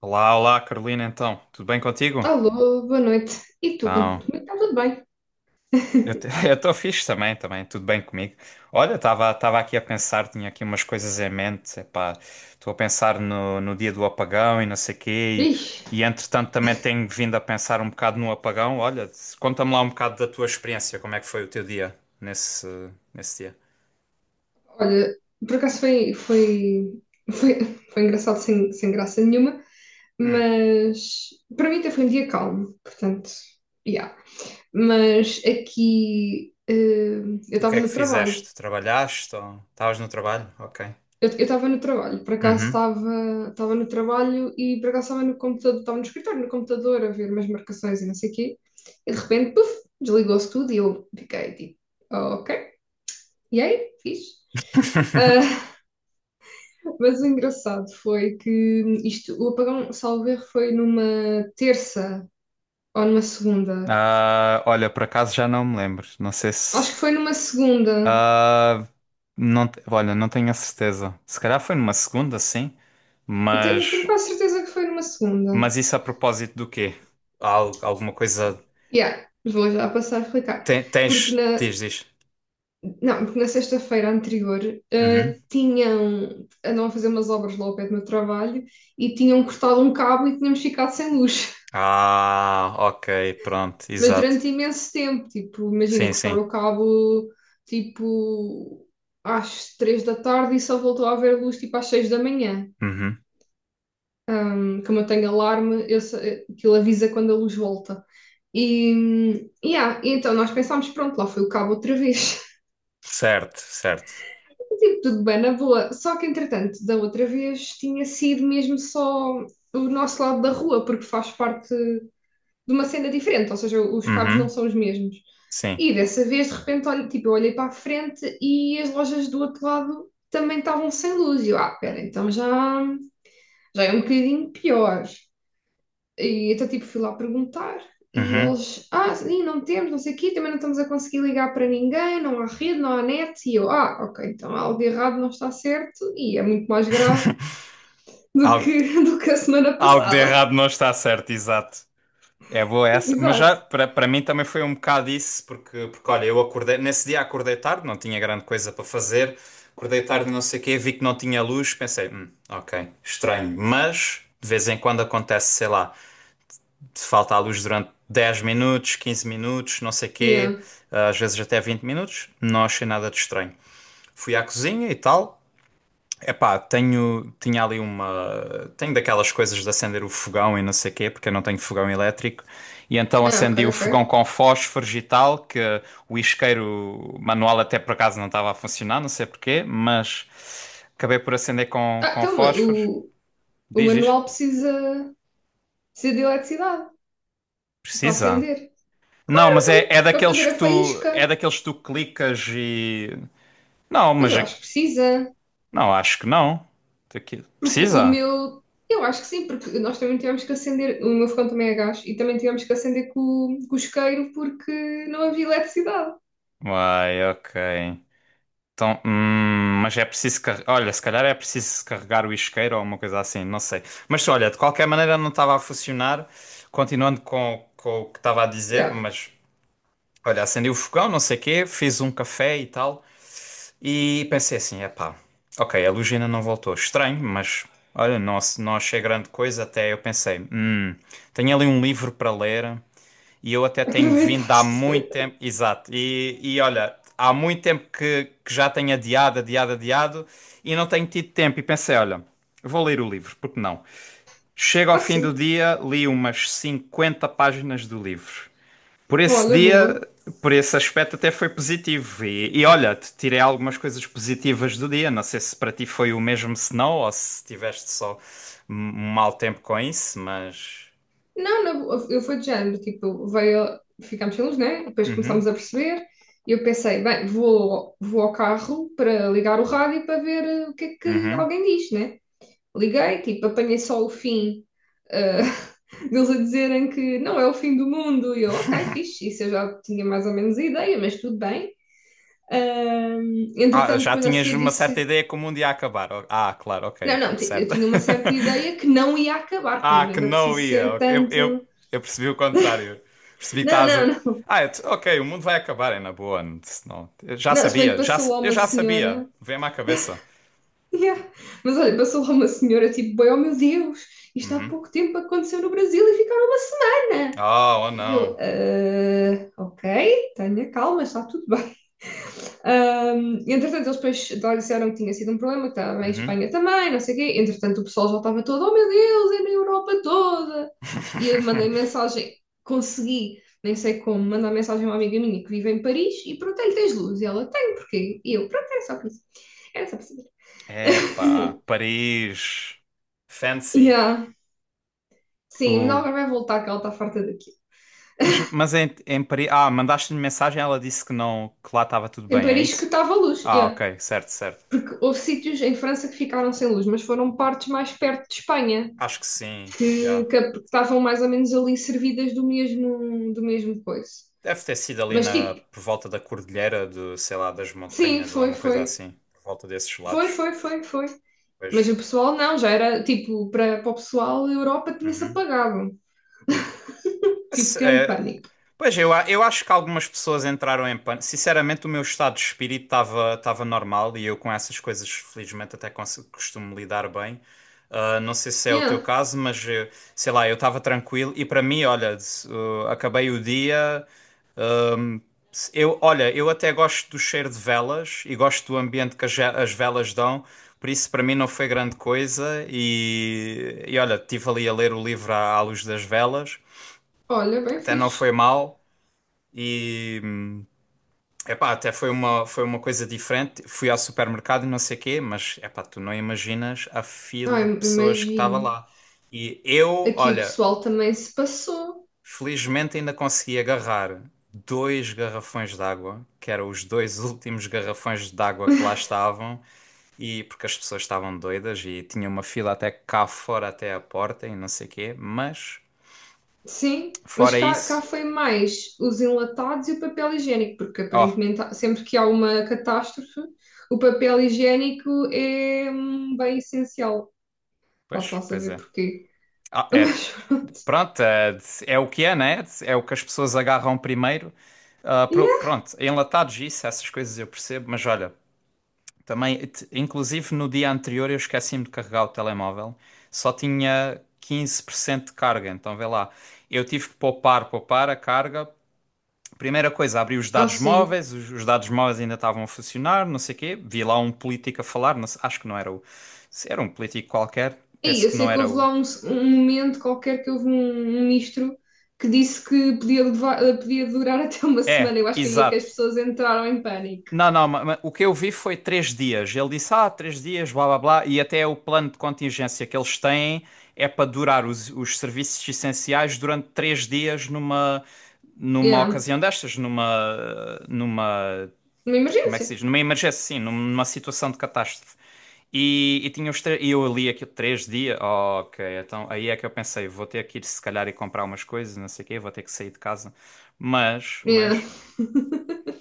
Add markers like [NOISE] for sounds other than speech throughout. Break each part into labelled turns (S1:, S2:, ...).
S1: Olá, olá, Carolina, então, tudo bem contigo?
S2: Alô, boa noite. E tu,
S1: Então,
S2: como é que está tudo bem? [LAUGHS]
S1: [LAUGHS] eu estou fixe também, também, tudo bem comigo. Olha, estava aqui a pensar, tinha aqui umas coisas em mente, epá, estou a pensar no dia do apagão e não sei quê,
S2: Vixe,
S1: e entretanto também tenho vindo a pensar um bocado no apagão. Olha, conta-me lá um bocado da tua experiência, como é que foi o teu dia nesse dia?
S2: olha, por acaso foi, foi engraçado sem graça nenhuma,
S1: Hum,
S2: mas para mim até foi um dia calmo, portanto, yeah. Mas aqui, eu
S1: o que
S2: estava
S1: é
S2: no
S1: que
S2: trabalho.
S1: fizeste? Trabalhaste ou estavas no trabalho? Ok.
S2: Eu estava no trabalho, por acaso
S1: Uhum.
S2: estava no trabalho e por acaso estava no computador, estava no escritório, no computador a ver umas marcações e não sei o quê, e de repente, puf, desligou-se tudo e eu fiquei tipo, ok. E aí, fiz. Ah, [LAUGHS] mas o engraçado foi que isto, o apagão, salvo erro, foi numa terça ou numa segunda.
S1: Ah, olha, por acaso já não me lembro. Não sei
S2: Acho
S1: se.
S2: que foi numa segunda.
S1: Ah, não, olha, não tenho a certeza. Se calhar foi numa segunda, sim,
S2: Eu tenho, tenho
S1: mas,
S2: quase certeza que foi numa segunda.
S1: mas isso a propósito do quê? Alguma coisa.
S2: Yeah, vou já passar a explicar. Porque
S1: Tens.
S2: na,
S1: Diz, diz.
S2: não, porque na sexta-feira anterior,
S1: Uhum.
S2: andavam a fazer umas obras lá ao pé do meu trabalho e tinham cortado um cabo e tínhamos ficado sem luz.
S1: Ah, ok, pronto,
S2: Mas
S1: exato.
S2: durante imenso tempo, tipo, imagina,
S1: Sim, sim.
S2: cortaram o cabo, tipo, às 3 da tarde e só voltou a haver luz, tipo, às 6 da manhã.
S1: Uhum.
S2: Como eu tenho alarme, aquilo avisa quando a luz volta. E, yeah, e então nós pensámos, pronto, lá foi o cabo outra vez.
S1: Certo, certo.
S2: [LAUGHS] Tipo, tudo bem, na boa. Só que, entretanto, da outra vez tinha sido mesmo só o nosso lado da rua, porque faz parte de uma cena diferente, ou seja, os cabos não
S1: Uhum.
S2: são os mesmos.
S1: Sim.
S2: E dessa vez, de repente, olha, tipo, eu olhei para a frente e as lojas do outro lado também estavam sem luz. E eu, ah, pera, então já é um bocadinho pior. E então, tipo, fui lá perguntar e
S1: Uhum.
S2: eles, ah, sim, não temos, não sei o quê, também não estamos a conseguir ligar para ninguém, não há rede, não há net. E eu, ah, ok, então algo de errado não está certo e é muito mais grave
S1: [LAUGHS] Algo,
S2: [LAUGHS] do que a semana
S1: algo de
S2: passada.
S1: errado não está certo, exato. É boa
S2: [LAUGHS]
S1: essa, mas
S2: Exato.
S1: já para mim também foi um bocado isso, porque olha, eu acordei, nesse dia acordei tarde, não tinha grande coisa para fazer, acordei tarde, não sei o quê, vi que não tinha luz, pensei, ok, estranho, mas de vez em quando acontece, sei lá, te falta a luz durante 10 minutos, 15 minutos, não sei o
S2: Yeah.
S1: quê, às vezes até 20 minutos, não achei nada de estranho. Fui à cozinha e tal. Epá, tinha ali uma. Tenho daquelas coisas de acender o fogão e não sei quê, porque eu não tenho fogão elétrico. E então
S2: Ah, ok,
S1: acendi o fogão
S2: ok.
S1: com fósforos e tal, que o isqueiro manual até por acaso não estava a funcionar, não sei porquê, mas acabei por acender
S2: Ah,
S1: com
S2: então,
S1: fósforos.
S2: O
S1: Diz, diz.
S2: manual precisa de eletricidade para
S1: Precisa?
S2: acender.
S1: Não,
S2: Claro,
S1: mas é,
S2: então,
S1: é
S2: para
S1: daqueles
S2: fazer a
S1: que tu. É
S2: faísca.
S1: daqueles que tu clicas e. Não,
S2: Mas
S1: mas.
S2: eu acho que precisa.
S1: Não, acho que não.
S2: Porque o
S1: Precisa?
S2: meu. Eu acho que sim, porque nós também tivemos que acender. O meu fogão também é gás e também tivemos que acender com o isqueiro porque não havia eletricidade.
S1: Uai, ok. Então, mas é preciso carregar. Olha, se calhar é preciso carregar o isqueiro ou uma coisa assim, não sei. Mas olha, de qualquer maneira não estava a funcionar. Continuando com o que estava a
S2: Já,
S1: dizer,
S2: yeah,
S1: mas olha, acendi o fogão, não sei o quê, fiz um café e tal. E pensei assim: epá, ok, a luz ainda não voltou. Estranho, mas olha, não, não achei grande coisa. Até eu pensei: tenho ali um livro para ler. E eu até tenho vindo há muito
S2: aproveitaste. [LAUGHS]
S1: tempo. Exato. E olha, há muito tempo que já tenho adiado, adiado, adiado e não tenho tido tempo. E pensei, olha, vou ler o livro, porque não? Chego ao
S2: Ah,
S1: fim do
S2: sim.
S1: dia, li umas 50 páginas do livro. Por esse
S2: Olha,
S1: dia,
S2: boa.
S1: por esse aspecto, até foi positivo. E olha, te tirei algumas coisas positivas do dia. Não sei se para ti foi o mesmo, se não, ou se tiveste só um mau tempo com isso, mas.
S2: Não, não, eu fui de género, tipo, veio, ficámos sem luz, né? Depois
S1: Uhum,
S2: começámos a perceber e eu pensei, bem, vou ao carro para ligar o rádio para ver o que é que
S1: uhum.
S2: alguém diz, né? Liguei, tipo, apanhei só o fim, eh, [LAUGHS] deles a dizerem que não é o fim do mundo. E eu, ok, fixe, isso eu já tinha mais ou menos a ideia, mas tudo bem.
S1: Ah,
S2: Entretanto,
S1: já
S2: depois a
S1: tinhas
S2: seguir
S1: uma certa
S2: disse,
S1: ideia como um dia ia acabar. Oh, ah, claro, ok,
S2: não,
S1: ok,
S2: não, eu
S1: certo.
S2: tinha uma certa
S1: [LAUGHS]
S2: ideia que não ia acabar
S1: Ah,
S2: também, não
S1: que
S2: era
S1: não
S2: preciso
S1: ia.
S2: ser
S1: Ok.
S2: tanto.
S1: Eu percebi o contrário. Percebi que
S2: Não,
S1: estás
S2: não,
S1: a...
S2: não.
S1: Ah, ok, o mundo vai acabar, é na boa. Não, não. Eu já
S2: Não, se bem que
S1: sabia, já,
S2: passou lá
S1: eu
S2: uma
S1: já sabia.
S2: senhora.
S1: Vem-me à cabeça.
S2: Yeah. Mas olha, passou lá uma senhora, tipo, bem, oh meu Deus, isto há
S1: Uhum.
S2: pouco tempo aconteceu no Brasil e ficaram uma semana.
S1: Oh, oh
S2: E eu,
S1: não.
S2: "Ah, ok, tenha calma, está tudo bem. Entretanto, eles depois lá disseram que tinha sido um problema, que estava em
S1: Uhum.
S2: Espanha também, não sei o quê. Entretanto, o pessoal já estava todo, oh meu Deus, é na Europa toda. E eu mandei
S1: [LAUGHS]
S2: mensagem, consegui, nem sei como, mandar mensagem a uma amiga minha que vive em Paris e perguntei-lhe, tens luz? E ela, tem porquê? E eu, pronto, era só por isso. Era só por saber.
S1: Epá,
S2: [LAUGHS]
S1: Paris. Fancy.
S2: Yeah. Sim, mas
S1: O...
S2: ela vai voltar, que ela está farta daqui.
S1: Mas em, em Paris. Ah, mandaste-lhe mensagem, ela disse que não, que lá estava tudo
S2: Em
S1: bem, é
S2: Paris que
S1: isso?
S2: estava luz,
S1: Ah,
S2: yeah.
S1: ok, certo, certo.
S2: Porque houve sítios em França que ficaram sem luz, mas foram partes mais perto de Espanha.
S1: Acho que sim, já.
S2: Que estavam mais ou menos ali servidas do mesmo coisa.
S1: Deve ter sido ali
S2: Mas
S1: na,
S2: tipo,
S1: por volta da cordilheira de, sei lá, das
S2: sim,
S1: montanhas ou
S2: foi,
S1: uma coisa
S2: foi.
S1: assim, por volta desses
S2: Foi,
S1: lados.
S2: foi, foi, foi. Mas o
S1: Pois.
S2: pessoal não, já era tipo, para o pessoal, a Europa tinha-se
S1: Uhum.
S2: apagado. Tipo, grande
S1: É,
S2: pânico.
S1: pois eu, eu acho que algumas pessoas entraram em pânico. Sinceramente, o meu estado de espírito estava normal e eu com essas coisas, felizmente, até costumo lidar bem. Ah, não sei se é o teu
S2: Yeah.
S1: caso, mas sei lá, eu estava tranquilo e para mim, olha, acabei o dia. Eu, olha, eu até gosto do cheiro de velas e gosto do ambiente que as velas dão, por isso para mim não foi grande coisa. E olha, estive ali a ler o livro à luz das velas,
S2: Olha, bem
S1: até não foi
S2: fixe.
S1: mal. E epá, até foi uma coisa diferente. Fui ao supermercado e não sei quê, mas epá, tu não imaginas a
S2: Ai,
S1: fila de pessoas que estava
S2: imagino.
S1: lá. E eu,
S2: Aqui o
S1: olha,
S2: pessoal também se passou.
S1: felizmente ainda consegui agarrar dois garrafões de água, que eram os dois últimos garrafões de água que lá estavam, e porque as pessoas estavam doidas e tinha uma fila até cá fora até à porta e não sei o quê, mas
S2: Sim, mas
S1: fora
S2: cá
S1: isso,
S2: foi mais os enlatados e o papel higiênico, porque
S1: ó,
S2: aparentemente sempre que há uma catástrofe, o papel higiênico é um bem essencial. Posso
S1: pois,
S2: lá
S1: pois
S2: saber
S1: é.
S2: porquê.
S1: Ah,
S2: [LAUGHS]
S1: é,
S2: Mas pronto.
S1: pronto, é, é o que é, né? É o que as pessoas agarram primeiro. Ah,
S2: Yeah.
S1: pronto, enlatados isso, essas coisas eu percebo, mas olha, também, inclusive no dia anterior eu esqueci-me de carregar o telemóvel, só tinha 15% de carga, então vê lá, eu tive que poupar, poupar a carga. Primeira coisa, abri os
S2: Ah,
S1: dados
S2: sim.
S1: móveis, os dados móveis ainda estavam a funcionar, não sei o quê, vi lá um político a falar, não sei- acho que não era o, se era um político qualquer,
S2: E
S1: penso
S2: eu
S1: que não
S2: sei que
S1: era
S2: houve
S1: o.
S2: lá um, um momento qualquer que houve um ministro que disse que podia durar [LAUGHS] até uma semana.
S1: É,
S2: Eu acho que aí é que as
S1: exato.
S2: pessoas entraram em pânico.
S1: Não, não, o que eu vi foi três dias. Ele disse, ah, três dias, blá blá blá, e até o plano de contingência que eles têm é para durar os serviços essenciais durante três dias numa, numa
S2: Yeah.
S1: ocasião destas, numa, numa,
S2: Uma
S1: como é que se
S2: emergência.
S1: diz? Numa emergência, sim, numa situação de catástrofe. E tinha e eu li aquilo três dias. Oh, ok, então aí é que eu pensei, vou ter que ir se calhar e comprar umas coisas, não sei o quê, vou ter que sair de casa.
S2: Yeah.
S1: Mas,
S2: [LAUGHS]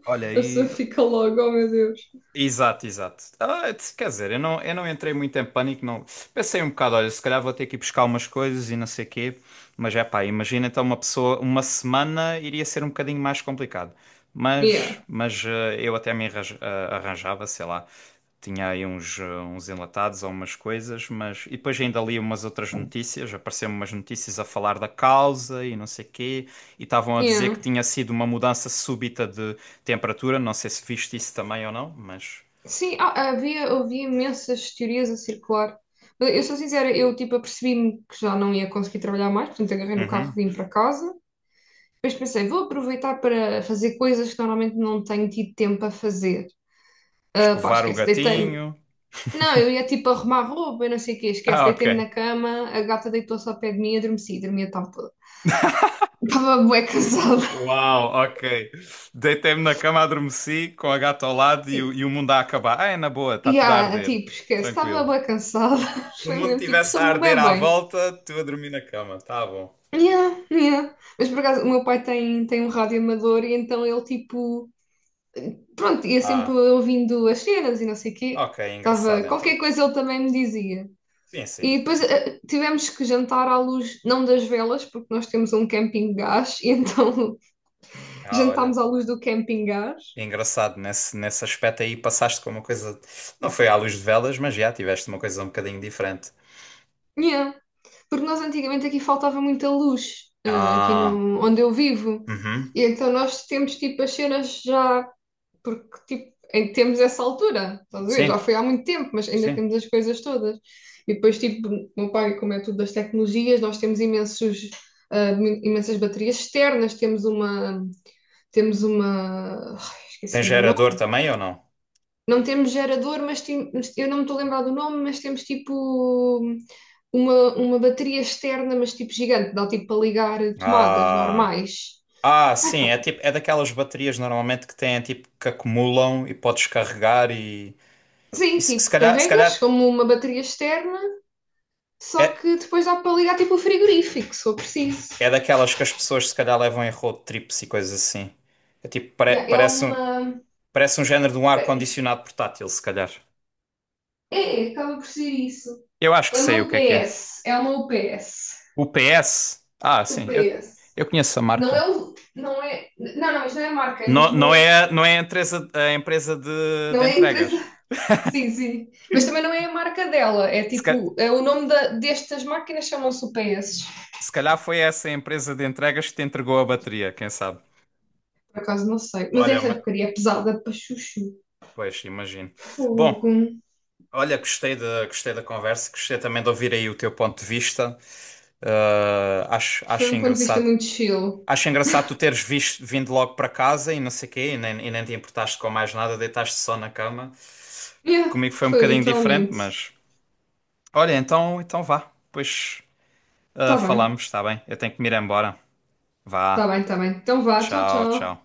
S1: olha,
S2: A pessoa
S1: aí.
S2: fica logo, oh meu Deus.
S1: Exato, exato. Ah, quer dizer, eu não entrei muito em pânico, não. Pensei um bocado, olha, se calhar vou ter que ir buscar umas coisas e não sei quê, mas é pá, imagina então uma pessoa, uma semana iria ser um bocadinho mais complicado.
S2: Yeah.
S1: Mas eu até arranjava, sei lá, tinha aí uns, uns enlatados ou umas coisas, mas. E depois ainda li umas outras notícias, apareceram umas notícias a falar da causa e não sei quê, e estavam a dizer
S2: Yeah.
S1: que tinha sido uma mudança súbita temperatura. Não sei se viste isso também ou não, mas.
S2: Sim, havia imensas teorias a circular. Mas eu sou sincera, eu tipo apercebi-me que já não ia conseguir trabalhar mais, portanto agarrei no carro
S1: Uhum.
S2: e vim para casa. Depois pensei, vou aproveitar para fazer coisas que normalmente não tenho tido tempo a fazer. Ah, pá,
S1: Escovar o
S2: esquece, deitei-me.
S1: gatinho. [LAUGHS]
S2: Não, eu ia tipo arrumar roupa, eu não sei o quê, esquece,
S1: Ah, ok.
S2: deitei-me na cama, a gata deitou-se ao pé de mim e adormeci, dormia a tarde toda. Estava bué cansada.
S1: Uau, ok. Deitei-me na cama, adormeci com a gata ao lado e o
S2: [LAUGHS]
S1: mundo a acabar. Ah, é na boa, está
S2: E,
S1: tudo a
S2: ah,
S1: arder.
S2: tipo, esquece, estava
S1: Tranquilo.
S2: bué cansada. [LAUGHS]
S1: Se o
S2: Foi
S1: mundo
S2: mesmo tipo,
S1: estivesse a
S2: sou bué
S1: arder à
S2: bem.
S1: volta, tu a dormir na cama, tá bom.
S2: Yeah, yeah. Mas por acaso, o meu pai tem um rádio amador e então ele tipo, pronto, ia sempre
S1: Ah,
S2: ouvindo as cenas e não sei o quê.
S1: ok,
S2: Tava,
S1: engraçado
S2: qualquer
S1: então.
S2: coisa ele também me dizia.
S1: Sim, sim.
S2: E depois tivemos que jantar à luz, não das velas, porque nós temos um camping gás, e então [LAUGHS]
S1: Ah,
S2: jantámos
S1: olha.
S2: à luz do camping gás.
S1: Engraçado, nesse, nesse aspecto aí passaste com uma coisa. Não foi à luz de velas, mas já tiveste uma coisa um bocadinho diferente.
S2: Yeah. Porque nós antigamente aqui faltava muita luz, aqui
S1: Ah,
S2: no, onde eu vivo.
S1: uhum.
S2: E então nós temos tipo as cenas já. Porque tipo, ainda temos essa altura, estás a ver? Já
S1: Sim,
S2: foi há muito tempo, mas ainda
S1: sim.
S2: temos as coisas todas. E depois, tipo, o meu pai, como é tudo das tecnologias, nós temos imensos, imensas baterias externas, temos uma, ai,
S1: Tem
S2: esqueci-me do
S1: gerador
S2: nome.
S1: também ou não?
S2: Não temos gerador, mas mas eu não me estou a lembrar do nome, mas temos tipo uma bateria externa, mas tipo gigante, dá tipo para ligar tomadas
S1: Ah,
S2: normais.
S1: ah, sim, é tipo, é daquelas baterias normalmente que têm tipo que acumulam e podes carregar e
S2: Sim,
S1: se
S2: tipo,
S1: calhar, se
S2: carregas
S1: calhar
S2: como uma bateria externa só
S1: é,
S2: que depois dá para ligar tipo o frigorífico, se for preciso.
S1: é daquelas que as pessoas se calhar levam em road trips e coisas assim. É tipo,
S2: Yeah, é uma.
S1: parece um género de um
S2: Peraí.
S1: ar-condicionado portátil, se calhar.
S2: É, acaba por ser isso.
S1: Eu acho que
S2: É uma
S1: sei o que é que é.
S2: UPS. É uma UPS.
S1: O PS? Ah, sim,
S2: UPS.
S1: eu conheço a
S2: Não
S1: marca.
S2: é o. Não é. Não, não, mas não é a marca, é
S1: Não, não
S2: mesmo.
S1: é, não é a empresa
S2: Não
S1: de
S2: é a empresa.
S1: entregas.
S2: [LAUGHS] Sim, sim. Mas também não é a marca dela. É tipo. É o nome destas máquinas chamam-se UPS.
S1: Se calhar foi essa a empresa de entregas que te entregou a bateria, quem sabe?
S2: Por acaso não sei. Mas
S1: Olha,
S2: essa porcaria é pesada para chuchu.
S1: pois, imagino. Bom,
S2: Fogo.
S1: olha, gostei da conversa, gostei também de ouvir aí o teu ponto de vista. Ah, acho,
S2: Foi
S1: acho
S2: um ponto de vista
S1: engraçado.
S2: muito chill.
S1: Acho engraçado tu teres visto, vindo logo para casa e não sei quê, e nem te importaste com mais nada, deitaste só na cama.
S2: Yeah,
S1: Comigo foi um
S2: foi
S1: bocadinho diferente,
S2: literalmente.
S1: mas. Olha, então, então vá. Pois, ah,
S2: Está bem.
S1: falamos, está bem? Eu tenho que me ir embora.
S2: Tá
S1: Vá.
S2: bem, tá bem. Então vá, tchau,
S1: Tchau,
S2: tchau.
S1: tchau.